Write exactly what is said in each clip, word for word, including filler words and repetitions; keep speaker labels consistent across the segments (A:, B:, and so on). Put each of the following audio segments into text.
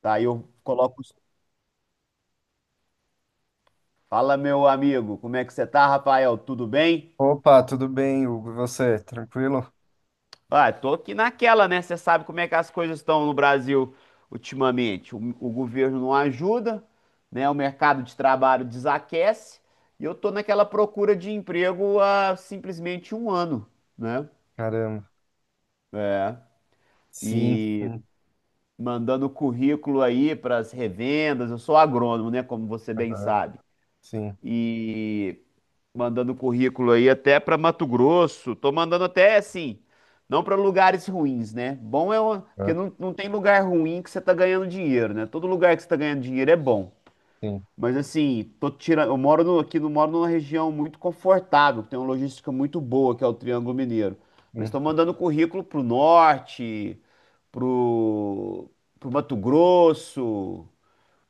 A: Tá, aí eu coloco. os- Fala, meu amigo, como é que você tá, Rafael? Tudo bem?
B: Opa, tudo bem, Hugo? E você? Tranquilo?
A: Ah, tô aqui naquela, né? Você sabe como é que as coisas estão no Brasil ultimamente. O, o governo não ajuda, né? O mercado de trabalho desaquece e eu tô naquela procura de emprego há simplesmente um ano, né?
B: Caramba.
A: É.
B: Sim.
A: E
B: Sim.
A: mandando currículo aí para as revendas. Eu sou agrônomo, né? Como você bem
B: Aham.
A: sabe.
B: Sim.
A: E mandando currículo aí até para Mato Grosso. Tô mandando até assim, não para lugares ruins, né? Bom é o- porque
B: Aham.
A: não, não tem lugar ruim que você tá ganhando dinheiro, né? Todo lugar que você tá ganhando dinheiro é bom.
B: Sim.
A: Mas assim, tô tirando, eu moro no, aqui, não moro numa região muito confortável, que tem uma logística muito boa, que é o Triângulo Mineiro. Mas
B: Hum.
A: estou mandando currículo pro norte, pro, pro Mato Grosso,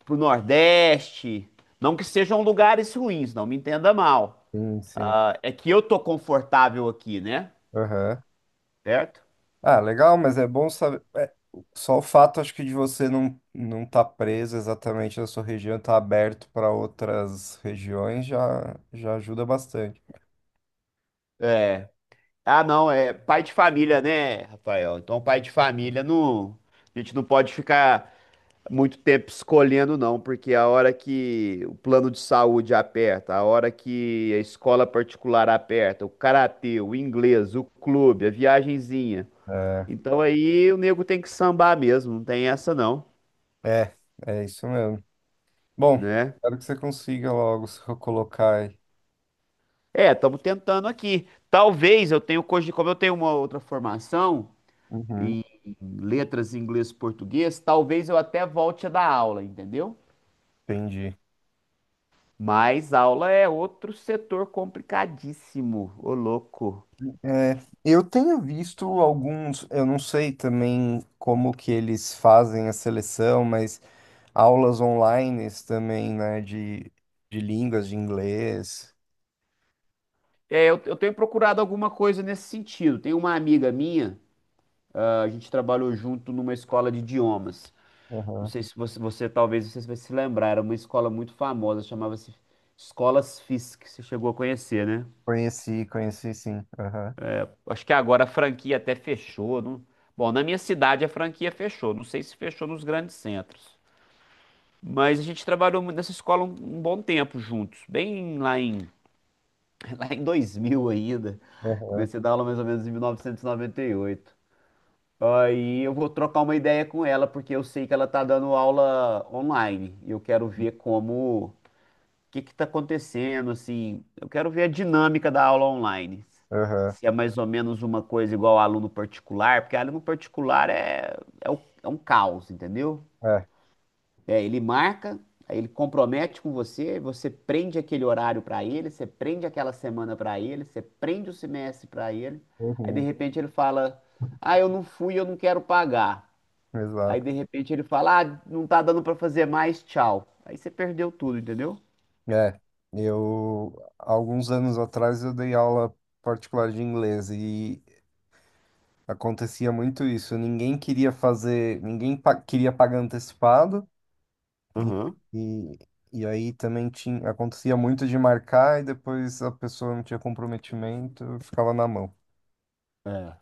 A: pro Nordeste. Não que sejam lugares ruins, não me entenda mal.
B: Sim, sim.
A: Ah, é que eu tô confortável aqui, né?
B: Aham.
A: Certo?
B: Ah, legal, mas é bom saber. É, só o fato, acho que, de você não não estar preso exatamente na sua região, estar aberto para outras regiões já, já ajuda bastante.
A: É. Ah, não, é pai de família, né, Rafael? Então, pai de família, não, a gente não pode ficar muito tempo escolhendo, não, porque a hora que o plano de saúde aperta, a hora que a escola particular aperta, o karatê, o inglês, o clube, a viagenzinha.
B: É,
A: Então, aí o nego tem que sambar mesmo, não tem essa, não,
B: é, é isso mesmo. Bom,
A: né?
B: espero que você consiga logo se recolocar aí.
A: É, estamos tentando aqui. Talvez eu tenha, cogi- como eu tenho uma outra formação
B: Uhum.
A: em em letras em inglês e português, talvez eu até volte a dar aula, entendeu?
B: Entendi.
A: Mas aula é outro setor complicadíssimo, ô louco.
B: É, eu tenho visto alguns, eu não sei também como que eles fazem a seleção, mas aulas online também, né, de, de línguas, de inglês.
A: É, eu, eu tenho procurado alguma coisa nesse sentido. Tem uma amiga minha, ah, a gente trabalhou junto numa escola de idiomas. Não
B: Aham.
A: sei se você, você talvez você vai se lembrar, era uma escola muito famosa, chamava-se Escolas Fisk, que você chegou a conhecer, né?
B: Conheci, conheci sim. Aham,
A: Acho que agora a franquia até fechou. Não. Bom, na minha cidade a franquia fechou. Não sei se fechou nos grandes centros. Mas a gente trabalhou mu- nessa escola um, um bom tempo juntos. Bem lá em, lá em dois mil ainda.
B: aham,
A: Comecei a dar aula mais ou menos em mil novecentos e noventa e oito. Aí eu vou trocar uma ideia com ela, porque eu sei que ela tá dando aula online. E eu quero ver como que que está acontecendo, assim, eu quero ver a dinâmica da aula online.
B: aham.
A: Se é mais ou menos uma coisa igual ao aluno particular, porque aluno particular é, é, o- é um caos, entendeu?
B: É,
A: É, ele marca, aí ele compromete com você, você prende aquele horário para ele, você prende aquela semana para ele, você prende o semestre para ele, aí de
B: uhum,
A: repente ele fala, ah, eu não fui, eu não quero pagar. Aí
B: exato.
A: de repente ele fala, ah, não tá dando para fazer mais, tchau. Aí você perdeu tudo, entendeu?
B: É, eu, alguns anos atrás eu dei aula particular de inglês e acontecia muito isso. Ninguém queria fazer, ninguém pa- queria pagar antecipado. E,
A: Aham.
B: e, e aí também tinha, acontecia muito de marcar e depois a pessoa não tinha comprometimento, ficava na mão.
A: É.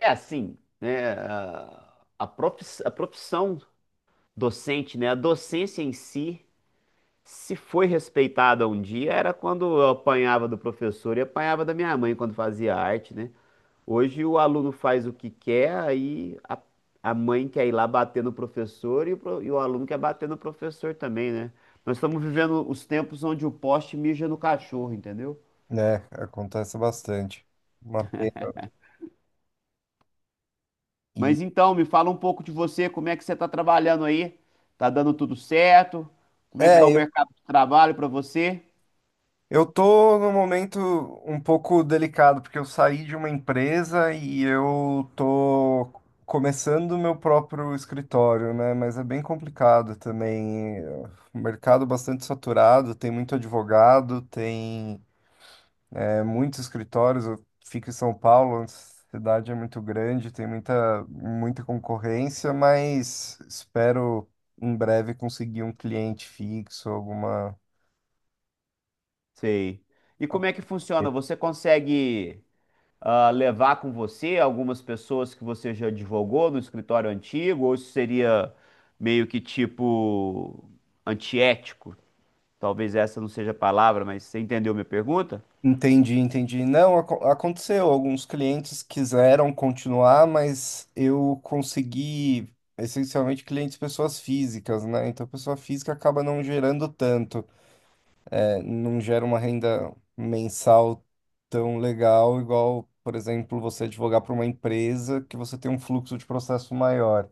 A: É assim, né? A, a profis- a profissão docente, né? A docência em si, se foi respeitada um dia, era quando eu apanhava do professor e apanhava da minha mãe quando fazia arte, né? Hoje o aluno faz o que quer, aí a, a mãe quer ir lá bater no professor e o, pro- e o aluno quer bater no professor também, né? Nós estamos vivendo os tempos onde o poste mija no cachorro, entendeu?
B: É, acontece bastante. Uma pena. E,
A: Mas então, me fala um pouco de você, como é que você está trabalhando aí? Tá dando tudo certo? Como é que está o
B: é, eu,
A: mercado de trabalho para você?
B: eu tô num momento um pouco delicado, porque eu saí de uma empresa e eu tô começando o meu próprio escritório, né? Mas é bem complicado também. O mercado bastante saturado, tem muito advogado, tem. É muitos escritórios, eu fico em São Paulo, a cidade é muito grande, tem muita, muita concorrência, mas espero em breve conseguir um cliente fixo, alguma.
A: Sei. E como é que funciona? Você consegue ah, levar com você algumas pessoas que você já advogou no escritório antigo? Ou isso seria meio que tipo antiético? Talvez essa não seja a palavra, mas você entendeu minha pergunta?
B: Entendi, entendi. Não, aco- aconteceu. Alguns clientes quiseram continuar, mas eu consegui essencialmente clientes pessoas físicas, né? Então, pessoa física acaba não gerando tanto, não gera uma renda mensal tão legal, igual, por exemplo, você advogar para uma empresa que você tem um fluxo de processo maior.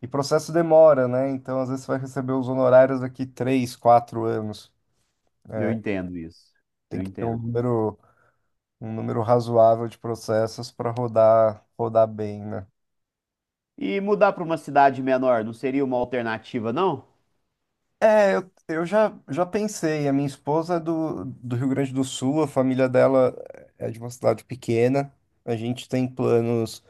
B: E processo demora, né? Então, às vezes, você vai receber os honorários daqui três, quatro anos.
A: Eu entendo isso.
B: Tem
A: Eu
B: que ter um
A: entendo.
B: número, um número razoável de processos para rodar, rodar bem, né?
A: E mudar para uma cidade menor não seria uma alternativa, não?
B: É, eu, eu já, já pensei. A minha esposa é do, do Rio Grande do Sul, a família dela é de uma cidade pequena. A gente tem planos.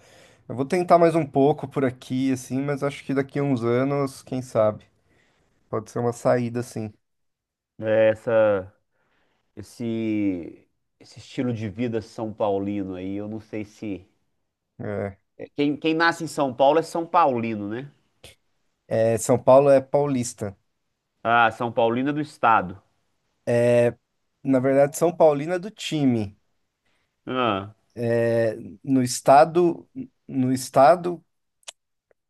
B: Eu vou tentar mais um pouco por aqui, assim, mas acho que daqui a uns anos, quem sabe, pode ser uma saída, assim.
A: É, essa, esse, esse estilo de vida São Paulino aí, eu não sei se.
B: É.
A: É, Quem, quem nasce em São Paulo é São Paulino, né?
B: É, São Paulo é paulista.
A: Ah, São Paulino é do estado.
B: Na verdade, São Paulino é do time.
A: Ah,
B: É, no estado, no estado,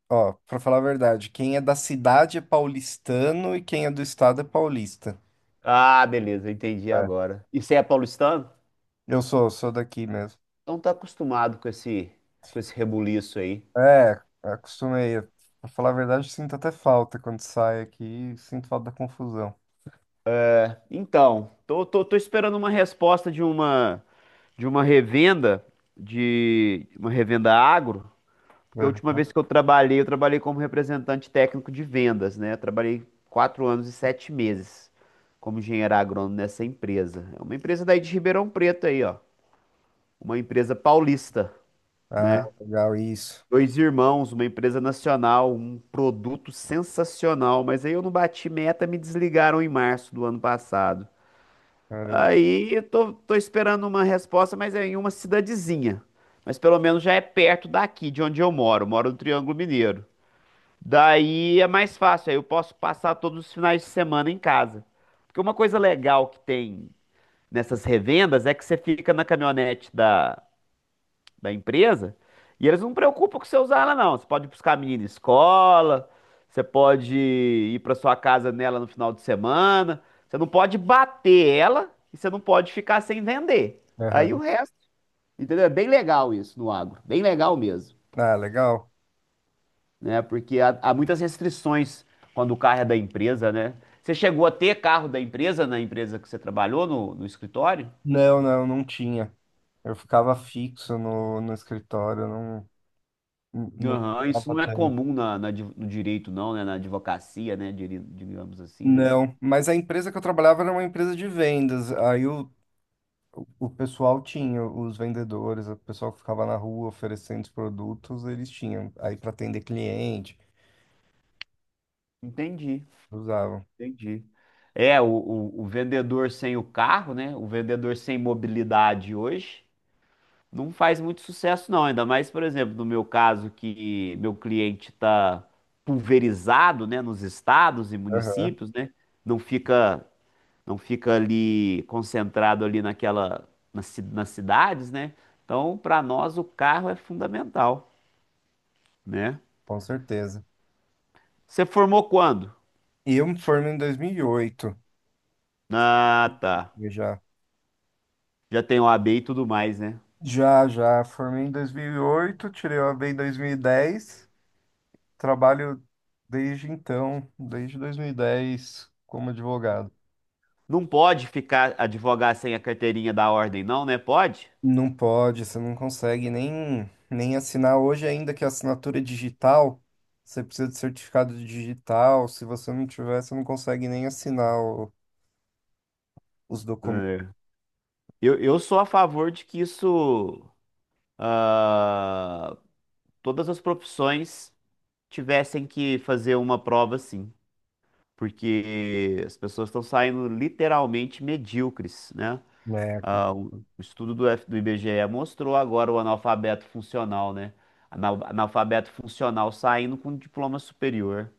B: ó, pra falar a verdade, quem é da cidade é paulistano e quem é do estado é paulista.
A: ah, beleza, entendi
B: É.
A: agora. E você é paulistano?
B: Eu sou, sou daqui mesmo.
A: Então tá acostumado com esse, com esse rebuliço aí.
B: É, acostumei. Pra falar a verdade, sinto até falta quando saio aqui, sinto falta da confusão.
A: Então, tô, tô, tô esperando uma resposta de uma, de uma revenda, de uma revenda agro. Porque a última
B: Aham.
A: vez que eu trabalhei, eu trabalhei como representante técnico de vendas, né? Eu trabalhei quatro anos e sete meses como engenheiro agrônomo nessa empresa. É uma empresa daí de Ribeirão Preto aí, ó. Uma empresa paulista,
B: Ah,
A: né?
B: legal, isso.
A: Dois irmãos, uma empresa nacional, um produto sensacional. Mas aí eu não bati meta, me desligaram em março do ano passado.
B: Caramba.
A: Aí eu tô, tô esperando uma resposta, mas é em uma cidadezinha. Mas pelo menos já é perto daqui, de onde eu moro. Eu moro no Triângulo Mineiro. Daí é mais fácil, aí eu posso passar todos os finais de semana em casa. Porque uma coisa legal que tem nessas revendas é que você fica na caminhonete da, da empresa e eles não preocupam com você usar ela, não. Você pode buscar a menina em escola, você pode ir para sua casa nela no final de semana. Você não pode bater ela e você não pode ficar sem vender. Aí o
B: Aham.
A: resto, entendeu? É bem legal isso no agro, bem legal mesmo.
B: Ah, legal.
A: Né? Porque há, há muitas restrições quando o carro é da empresa, né? Você chegou a ter carro da empresa na empresa que você trabalhou no, no escritório?
B: Não, não, não tinha. Eu ficava fixo no, no escritório, não, não
A: Aham, isso
B: ficava
A: não é
B: tanto.
A: comum na, na di- no direito, não, né? Na advocacia, né? Diri- Digamos assim, né?
B: Não, mas a empresa que eu trabalhava era uma empresa de vendas. Aí o, o pessoal tinha, os vendedores, o pessoal que ficava na rua oferecendo os produtos, eles tinham. Aí para atender cliente,
A: Entendi,
B: usavam.
A: entendi. É, o, o, o vendedor sem o carro, né? O vendedor sem mobilidade hoje, não faz muito sucesso, não. Ainda mais, por exemplo, no meu caso, que meu cliente está pulverizado, né, nos estados e
B: Aham.
A: municípios, né? Não fica, não fica ali concentrado ali naquela, nas, ci- nas cidades, né? Então, para nós, o carro é fundamental, né?
B: Com certeza.
A: Você formou quando?
B: E eu me formei em dois mil e oito,
A: Ah, tá.
B: eu já.
A: Já tem O A B e tudo mais, né?
B: Já, já, formei em dois mil e oito. Tirei o A B em dois mil e dez. Trabalho desde então, desde dois mil e dez como advogado.
A: Não pode ficar advogar sem a carteirinha da ordem, não, né? Pode?
B: Não pode, você não consegue nem, nem assinar. Hoje, ainda que a assinatura é digital, você precisa de certificado digital. Se você não tiver, você não consegue nem assinar o- os documentos.
A: É. Eu, eu sou a favor de que isso ah, todas as profissões tivessem que fazer uma prova assim, porque as pessoas estão saindo literalmente medíocres, né?
B: É,
A: Ah, o o estudo do, F, do I B G E mostrou agora o analfabeto funcional, né? Anal- Analfabeto funcional saindo com diploma superior.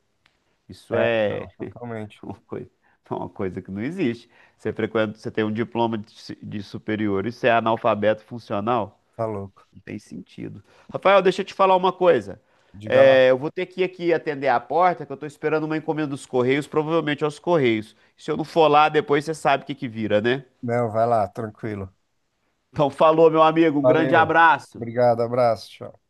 A: Isso
B: é,
A: é
B: não, totalmente.
A: uma coisa, uma coisa que não existe. Você frequenta, você tem um diploma de, su- de superior e você é analfabeto funcional?
B: Tá louco.
A: Tem sentido. Rafael, deixa eu te falar uma coisa.
B: Diga lá.
A: É, eu vou ter que ir aqui atender a porta, que eu tô esperando uma encomenda dos Correios, provavelmente aos Correios. Se eu não for lá, depois você sabe o que que vira, né?
B: Não, vai lá, tranquilo.
A: Então, falou, meu amigo. Um grande
B: Valeu.
A: abraço.
B: Obrigado, abraço, tchau.